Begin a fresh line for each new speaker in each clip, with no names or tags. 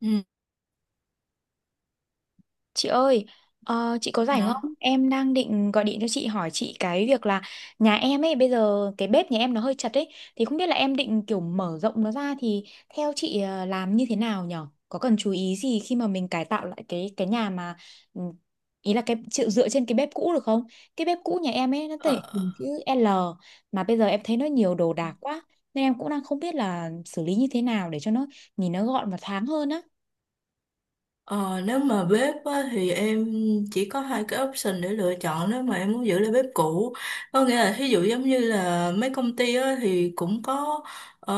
Ừ.
Chị ơi, chị có rảnh
nó,
không? Em đang định gọi điện cho chị hỏi chị cái việc là nhà em ấy bây giờ cái bếp nhà em nó hơi chật ấy thì không biết là em định kiểu mở rộng nó ra thì theo chị làm như thế nào nhở? Có cần chú ý gì khi mà mình cải tạo lại cái nhà mà ừ, ý là cái chịu dựa trên cái bếp cũ được không? Cái bếp cũ nhà em ấy nó
Ờ,
thể hình chữ L mà bây giờ em thấy nó nhiều đồ đạc quá nên em cũng đang không biết là xử lý như thế nào để cho nó nhìn nó gọn và thoáng hơn á.
Ờ, Nếu mà bếp á, thì em chỉ có hai cái option để lựa chọn nếu mà em muốn giữ lại bếp cũ, có nghĩa là thí dụ giống như là mấy công ty á, thì cũng có ờ,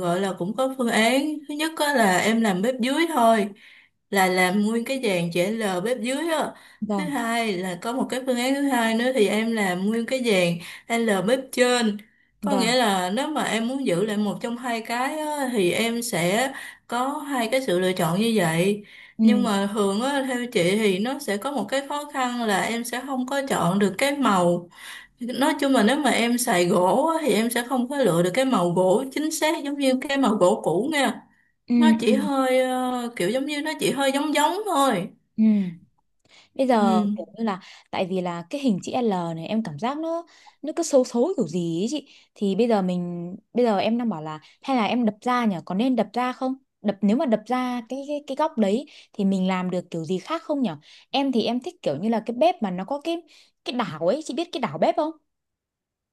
gọi là cũng có phương án. Thứ nhất á, là em làm bếp dưới thôi, là làm nguyên cái dàn chữ L bếp dưới á. Thứ
Vâng,
hai là có một cái phương án thứ hai nữa, thì em làm nguyên cái dàn L bếp trên. Có nghĩa
vâng.
là nếu mà em muốn giữ lại một trong hai cái á, thì em sẽ có hai cái sự lựa chọn như vậy.
Ừ.
Nhưng mà thường á, theo chị thì nó sẽ có một cái khó khăn là em sẽ không có chọn được cái màu. Nói chung là nếu mà em xài gỗ á, thì em sẽ không có lựa được cái màu gỗ chính xác giống như cái màu gỗ cũ nha.
Ừ.
Nó chỉ
Ừ.
hơi kiểu giống như nó chỉ hơi giống giống thôi.
Ừ. Bây giờ
Ừ.
kiểu như là tại vì là cái hình chữ L này em cảm giác nó cứ xấu xấu kiểu gì ấy chị thì bây giờ em đang bảo là hay là em đập ra nhỉ, có nên đập ra không, đập nếu mà đập ra cái góc đấy thì mình làm được kiểu gì khác không nhỉ? Em thì em thích kiểu như là cái bếp mà nó có cái đảo ấy, chị biết cái đảo bếp không?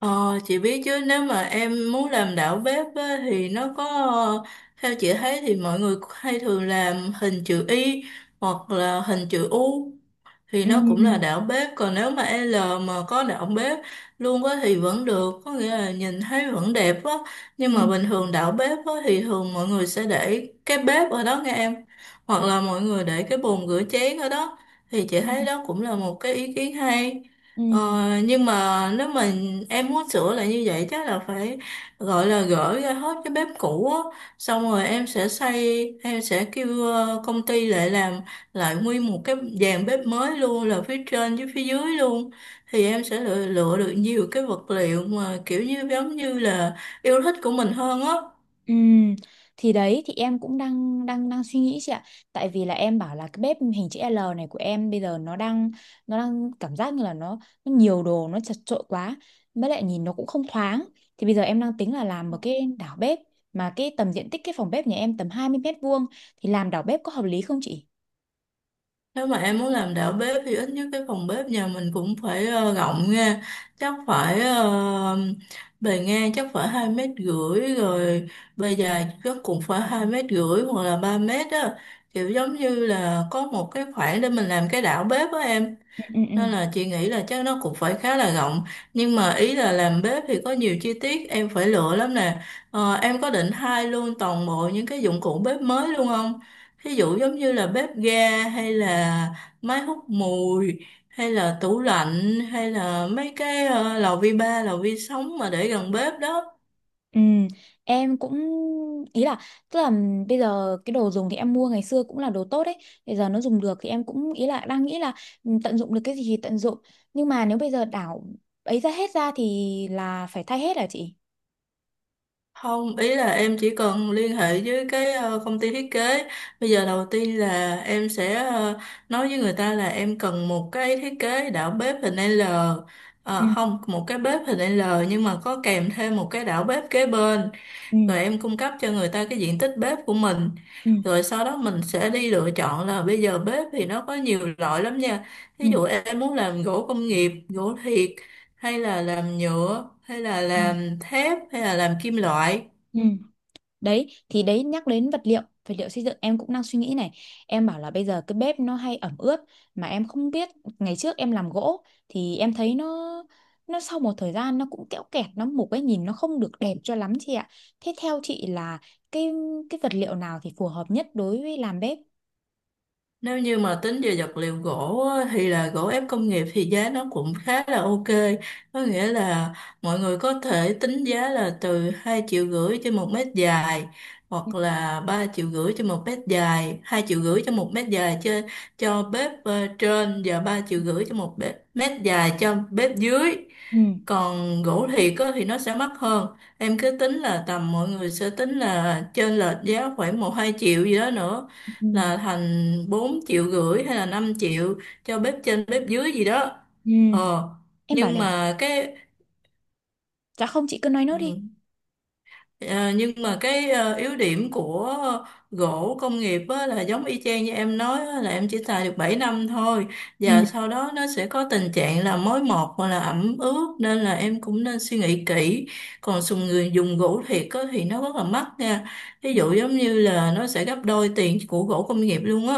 Ờ, chị biết chứ, nếu mà em muốn làm đảo bếp á, thì nó có ờ, theo chị thấy thì mọi người hay thường làm hình chữ Y hoặc là hình chữ U thì
Ừ.
nó cũng là đảo bếp. Còn nếu mà L mà có đảo bếp luôn á thì vẫn được, có nghĩa là nhìn thấy vẫn đẹp á. Nhưng
Ừ.
mà bình thường đảo bếp á thì thường mọi người sẽ để cái bếp ở đó nghe em, hoặc là mọi người để cái bồn rửa chén ở đó, thì chị
Ừ.
thấy đó cũng là một cái ý kiến hay.
Ừ.
Nhưng mà nếu mà em muốn sửa lại như vậy chắc là phải gọi là gỡ ra hết cái bếp cũ á, xong rồi em sẽ xây, em sẽ kêu công ty lại làm lại nguyên một cái dàn bếp mới luôn, là phía trên với phía dưới luôn, thì em sẽ lựa được nhiều cái vật liệu mà kiểu như giống như là yêu thích của mình hơn á.
Ừ, thì đấy thì em cũng đang đang đang suy nghĩ chị ạ. Tại vì là em bảo là cái bếp hình chữ L này của em bây giờ nó đang cảm giác như là nó nhiều đồ nó chật chội quá. Với lại nhìn nó cũng không thoáng. Thì bây giờ em đang tính là làm một cái đảo bếp mà cái tầm diện tích cái phòng bếp nhà em tầm 20 mét vuông thì làm đảo bếp có hợp lý không chị?
Nếu mà em muốn làm đạo bếp thì ít nhất cái phòng bếp nhà mình cũng phải rộng nha. Chắc phải bề ngang chắc phải 2,5 m rồi, bề dài chắc cũng phải 2,5 m hoặc là 3 m á, kiểu giống như là có một cái khoảng để mình làm cái đảo bếp á em.
Ừ, ừ, ừ.
Nên là chị nghĩ là chắc nó cũng phải khá là rộng. Nhưng mà ý là làm bếp thì có nhiều chi tiết em phải lựa lắm nè. Em có định thay luôn toàn bộ những cái dụng cụ bếp mới luôn không? Ví dụ giống như là bếp ga hay là máy hút mùi, hay là tủ lạnh, hay là mấy cái lò vi ba, lò vi sóng mà để gần bếp đó.
Ừ, em cũng ý là tức là bây giờ cái đồ dùng thì em mua ngày xưa cũng là đồ tốt đấy, bây giờ nó dùng được thì em cũng ý là đang nghĩ là ừ, tận dụng được cái gì thì tận dụng, nhưng mà nếu bây giờ đảo ấy ra hết ra thì là phải thay hết à chị?
Không, ý là em chỉ cần liên hệ với cái công ty thiết kế. Bây giờ đầu tiên là em sẽ nói với người ta là em cần một cái thiết kế đảo bếp hình L.
Ừ,
Không, một cái bếp hình L nhưng mà có kèm thêm một cái đảo bếp kế bên.
ừ,
Rồi em cung cấp cho người ta cái diện tích bếp của mình.
ừ,
Rồi sau đó mình sẽ đi lựa chọn là bây giờ bếp thì nó có nhiều loại lắm nha.
ừ,
Ví dụ em muốn làm gỗ công nghiệp, gỗ thiệt, hay là làm nhựa, hay là
ừ,
làm thép, hay là làm kim loại.
ừ. Đấy, thì đấy nhắc đến vật liệu xây dựng em cũng đang suy nghĩ này. Em bảo là bây giờ cái bếp nó hay ẩm ướt mà em không biết, ngày trước em làm gỗ thì em thấy nó sau một thời gian nó cũng kẽo kẹt nó mục ấy, nhìn nó không được đẹp cho lắm chị ạ. Thế theo chị là cái cái vật liệu nào thì phù hợp nhất đối với làm bếp?
Nếu như mà tính về vật liệu gỗ á, thì là gỗ ép công nghiệp thì giá nó cũng khá là ok. Có nghĩa là mọi người có thể tính giá là từ 2,5 triệu trên một mét dài
Ừ.
hoặc là 3,5 triệu trên một mét dài, 2,5 triệu cho một mét dài cho bếp trên và 3,5 triệu cho một bếp, mét dài cho bếp dưới.
Ừ.
Còn gỗ thiệt á, thì nó sẽ mắc hơn. Em cứ tính là tầm mọi người sẽ tính là trên lệch giá khoảng 1-2 triệu gì đó nữa,
Ừ.
là thành 4,5 triệu hay là 5 triệu cho bếp trên bếp dưới gì đó.
Ừ,
ờ
em bảo
nhưng
này,
mà cái
dạ không chị cứ nói nốt đi.
ừ, ờ, nhưng mà cái yếu điểm của gỗ công nghiệp á, là giống y chang như em nói á, là em chỉ xài được 7 năm thôi,
Ừ.
và sau đó nó sẽ có tình trạng là mối mọt hoặc là ẩm ướt, nên là em cũng nên suy nghĩ kỹ. Còn người dùng gỗ thiệt á, thì nó rất là mắc nha, ví dụ
Dạ.
giống như là nó sẽ gấp đôi tiền của gỗ công nghiệp luôn á.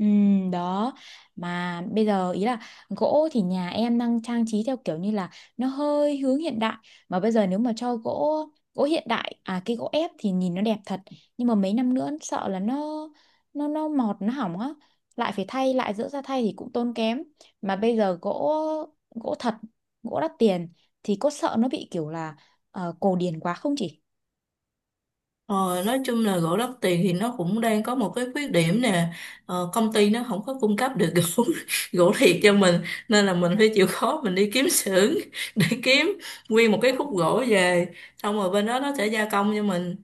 Ừ, đó mà bây giờ ý là gỗ thì nhà em đang trang trí theo kiểu như là nó hơi hướng hiện đại, mà bây giờ nếu mà cho gỗ gỗ hiện đại à, cái gỗ ép thì nhìn nó đẹp thật, nhưng mà mấy năm nữa sợ là nó mọt nó hỏng á, lại phải thay lại giữa ra thay thì cũng tốn kém, mà bây giờ gỗ gỗ thật, gỗ đắt tiền thì có sợ nó bị kiểu là cổ điển quá không chị?
Ờ, nói chung là gỗ lót tiền thì nó cũng đang có một cái khuyết điểm nè. Công ty nó không có cung cấp được gỗ gỗ thiệt cho mình, nên là mình phải chịu khó mình đi kiếm xưởng để kiếm nguyên một cái khúc gỗ về, xong rồi bên đó nó sẽ gia công cho mình.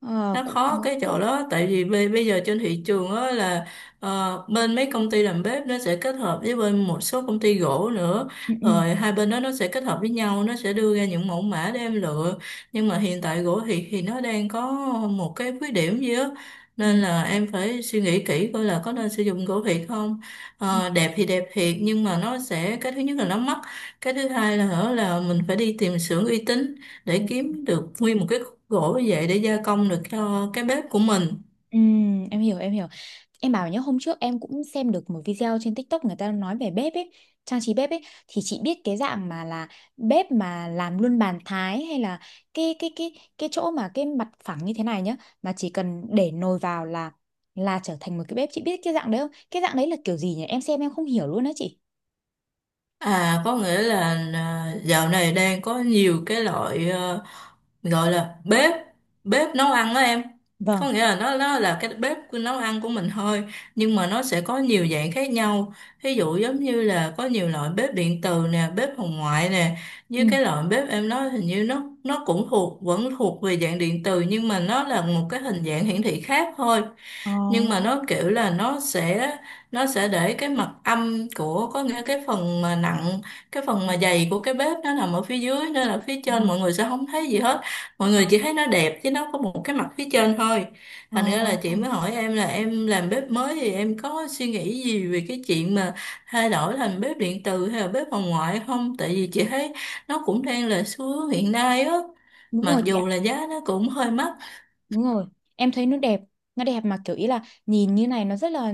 Ờ,
Nó
cũng khó.
khó
Đúng
cái chỗ đó, tại vì bây bây giờ trên thị trường á là bên mấy công ty làm bếp nó sẽ kết hợp với bên một số công ty gỗ nữa,
ừ,
rồi hai bên đó nó sẽ kết hợp với nhau, nó sẽ đưa ra những mẫu mã để em lựa. Nhưng mà hiện tại gỗ thì nó đang có một cái khuyết điểm gì á,
ừ,
nên là em phải suy nghĩ kỹ coi là có nên sử dụng gỗ thiệt không.
ừ,
Ờ, đẹp thì đẹp thiệt nhưng mà nó sẽ, cái thứ nhất là nó mắc, cái thứ hai là hở là mình phải đi tìm xưởng uy tín để
ừ,
kiếm được nguyên một cái khúc gỗ như vậy để gia công được cho cái bếp của mình.
ừ, em hiểu. Em bảo nhớ hôm trước em cũng xem được một video trên TikTok người ta nói về bếp ấy, trang trí bếp ấy, thì chị biết cái dạng mà là bếp mà làm luôn bàn thái, hay là cái chỗ mà cái mặt phẳng như thế này nhá, mà chỉ cần để nồi vào là trở thành một cái bếp, chị biết cái dạng đấy không? Cái dạng đấy là kiểu gì nhỉ? Em xem em không hiểu luôn đó chị.
À có nghĩa là à, dạo này đang có nhiều cái loại gọi là bếp bếp nấu ăn đó em.
Vâng.
Có nghĩa là nó là cái bếp của nấu ăn của mình thôi, nhưng mà nó sẽ có nhiều dạng khác nhau. Ví dụ giống như là có nhiều loại bếp điện từ nè, bếp hồng ngoại nè.
Ừ.
Như cái loại bếp em nói hình như nó cũng thuộc vẫn thuộc về dạng điện từ, nhưng mà nó là một cái hình dạng hiển thị khác thôi.
Ờ,
Nhưng mà nó kiểu là nó sẽ để cái mặt âm của, có nghĩa cái phần mà nặng, cái phần mà dày của cái bếp nó nằm ở phía dưới nên là phía
ờ,
trên mọi người sẽ không thấy gì hết. Mọi người chỉ thấy nó đẹp chứ nó có một cái mặt phía trên thôi.
ờ.
Thành ra là
Ờ.
chị mới hỏi em là em làm bếp mới thì em có suy nghĩ gì về cái chuyện mà thay đổi thành bếp điện từ hay là bếp phòng ngoại không, tại vì chị thấy nó cũng đang là xu hướng hiện nay á,
Đúng
mặc
rồi, chị.
dù là giá nó cũng hơi mắc.
Đúng rồi, em thấy nó đẹp mà kiểu ý là nhìn như này nó rất là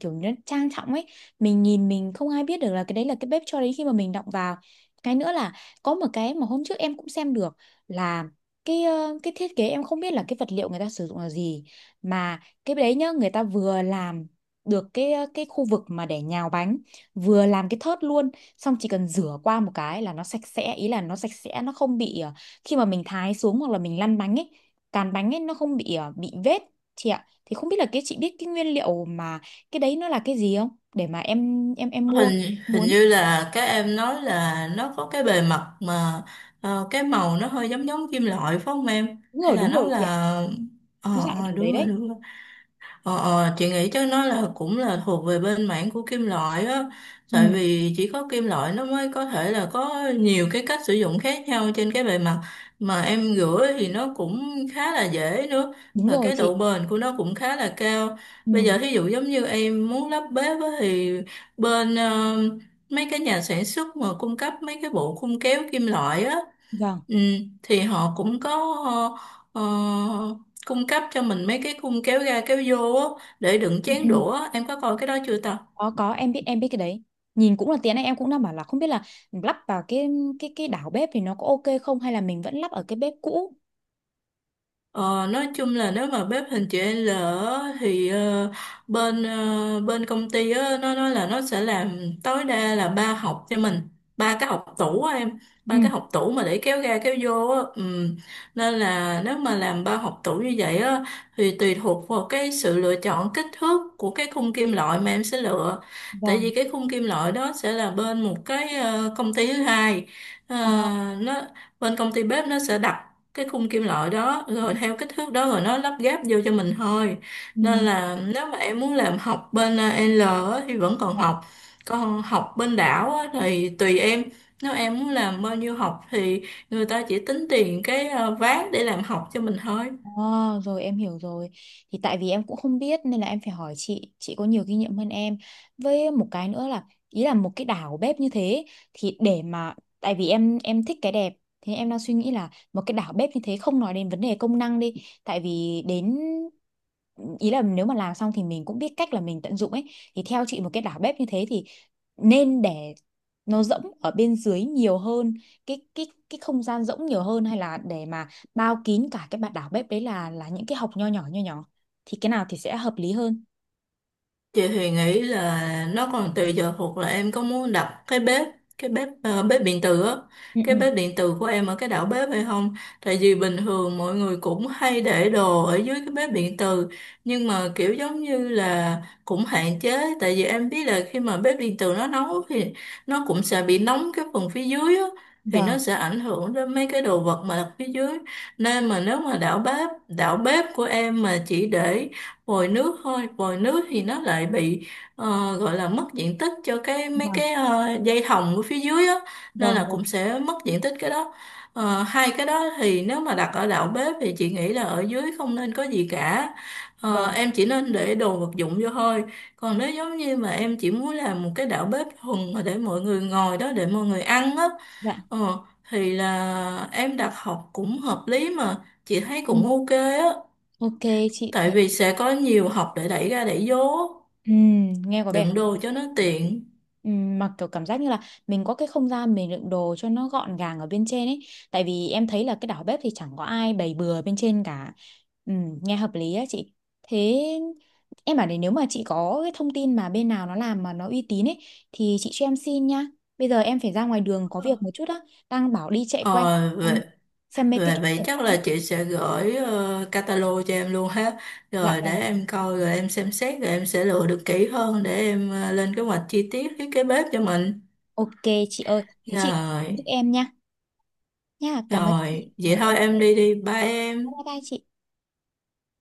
kiểu nó trang trọng ấy. Mình nhìn mình không ai biết được là cái đấy là cái bếp cho đến khi mà mình động vào. Cái nữa là có một cái mà hôm trước em cũng xem được là cái thiết kế em không biết là cái vật liệu người ta sử dụng là gì mà cái đấy nhá, người ta vừa làm được cái khu vực mà để nhào bánh, vừa làm cái thớt luôn, xong chỉ cần rửa qua một cái là nó sạch sẽ, ý là nó sạch sẽ, nó không bị khi mà mình thái xuống hoặc là mình lăn bánh ấy, cán bánh ấy nó không bị bị vết chị ạ, thì không biết là cái chị biết cái nguyên liệu mà cái đấy nó là cái gì không để mà em mua
hình hình
muốn.
như là các em nói là nó có cái bề mặt mà cái màu nó hơi giống giống kim loại phải không em,
Đúng rồi
hay là
đúng
nó
rồi chị ạ,
là
nó dạng
ờ,
kiểu đấy
đúng rồi
đấy.
đúng rồi. Ờ, ờ, chị nghĩ chắc nó là cũng là thuộc về bên mảng của kim loại á,
Ừ
tại vì chỉ có kim loại nó mới có thể là có nhiều cái cách sử dụng khác nhau trên cái bề mặt mà em rửa thì nó cũng khá là dễ nữa,
đúng
và
rồi
cái độ
chị.
bền của nó cũng khá là cao. Bây
Ừ.
giờ thí dụ giống như em muốn lắp bếp á, thì bên mấy cái nhà sản xuất mà cung cấp mấy cái bộ khung kéo kim loại á.
Vâng.
Ừ, thì họ cũng có ờ, cung cấp cho mình mấy cái khung kéo ra kéo vô á, để đựng
Ừ, ừ.
chén đũa em có coi cái đó chưa ta.
Có em biết cái đấy, nhìn cũng là tiếng này em cũng đang bảo là không biết là lắp vào cái đảo bếp thì nó có ok không hay là mình vẫn lắp ở cái bếp cũ.
Ờ, nói chung là nếu mà bếp hình chữ L á, thì bên công ty á, nó nói là nó sẽ làm tối đa là ba học cho mình, ba cái học tủ á em,
Ừ.
ba cái học tủ mà để kéo ra kéo vô á. Ừ. Nên là nếu mà làm ba học tủ như vậy á thì tùy thuộc vào cái sự lựa chọn kích thước của cái khung kim loại mà em sẽ lựa, tại
Vâng.
vì cái khung kim loại đó sẽ là bên một cái công ty thứ hai.
Ờ.
Ờ, nó Bên công ty bếp nó sẽ đặt cái khung kim loại đó
Ừ,
rồi
ừ.
theo kích thước đó rồi nó lắp ghép vô cho mình thôi.
Ừ.
Nên là nếu mà em muốn làm học bên L á, thì vẫn còn
Dạ.
học. Còn học bên đảo á, thì tùy em, nếu em muốn làm bao nhiêu học thì người ta chỉ tính tiền cái ván để làm học cho mình thôi.
À, rồi em hiểu rồi. Thì tại vì em cũng không biết nên là em phải hỏi chị có nhiều kinh nghiệm hơn em. Với một cái nữa là ý là một cái đảo bếp như thế thì để mà tại vì em thích cái đẹp, thế em đang suy nghĩ là một cái đảo bếp như thế không nói đến vấn đề công năng đi, tại vì đến ý là nếu mà làm xong thì mình cũng biết cách là mình tận dụng ấy, thì theo chị một cái đảo bếp như thế thì nên để nó rỗng ở bên dưới nhiều hơn, cái không gian rỗng nhiều hơn, hay là để mà bao kín cả cái bản đảo bếp đấy là những cái hộc nho nhỏ thì cái nào thì sẽ hợp lý hơn?
Chị thì nghĩ là nó còn tùy giờ thuộc là em có muốn đặt cái bếp, bếp điện tử á,
Ừ, ừ.
cái bếp điện tử của em ở cái đảo bếp hay không. Tại vì bình thường mọi người cũng hay để đồ ở dưới cái bếp điện tử, nhưng mà kiểu giống như là cũng hạn chế, tại vì em biết là khi mà bếp điện tử nó nấu thì nó cũng sẽ bị nóng cái phần phía dưới á, thì nó
Vâng,
sẽ ảnh hưởng đến mấy cái đồ vật mà đặt phía dưới. Nên mà nếu mà đảo bếp của em mà chỉ để vòi nước thôi, vòi nước thì nó lại bị gọi là mất diện tích cho cái mấy
vâng,
cái ờ, dây thòng ở phía dưới á, nên
vâng,
là
vâng,
cũng sẽ mất diện tích cái đó. Hai cái đó thì nếu mà đặt ở đạo bếp thì chị nghĩ là ở dưới không nên có gì cả.
vâng.
Em chỉ nên để đồ vật dụng vô thôi. Còn nếu giống như mà em chỉ muốn làm một cái đạo bếp thuần mà để mọi người ngồi đó để mọi người ăn á,
Dạ.
ờ, thì là em đặt học cũng hợp lý mà, chị thấy
Ừ.
cũng ok á.
Ok chị.
Tại
Thế
vì sẽ có nhiều hộp để đẩy ra đẩy vô,
ừ, nghe có vẻ
đựng
hợp
đồ
lý.
cho nó tiện.
Mà kiểu cảm giác như là mình có cái không gian mình đựng đồ cho nó gọn gàng ở bên trên ấy. Tại vì em thấy là cái đảo bếp thì chẳng có ai bày bừa bên trên cả. Nghe hợp lý á chị. Thế em bảo này, nếu mà chị có cái thông tin mà bên nào nó làm mà nó uy tín ấy thì chị cho em xin nha. Bây giờ em phải ra ngoài đường có việc một chút á. Đang bảo đi chạy
Ờ,
quanh
Vậy,
em xem mấy cái
vậy,
chỗ
vậy
triển
chắc là
lãm.
chị sẽ gửi catalog cho em luôn ha.
Dạ
Rồi để
vâng.
em coi, rồi em xem xét, rồi em sẽ lựa được kỹ hơn để em lên kế hoạch chi tiết thiết kế bếp cho mình.
Ok chị ơi. Thế chị giúp
Rồi,
em nha. Nha, cảm ơn
rồi,
chị.
vậy
Rồi
thôi
ok.
em đi đi, bye
Bye
em.
bye chị.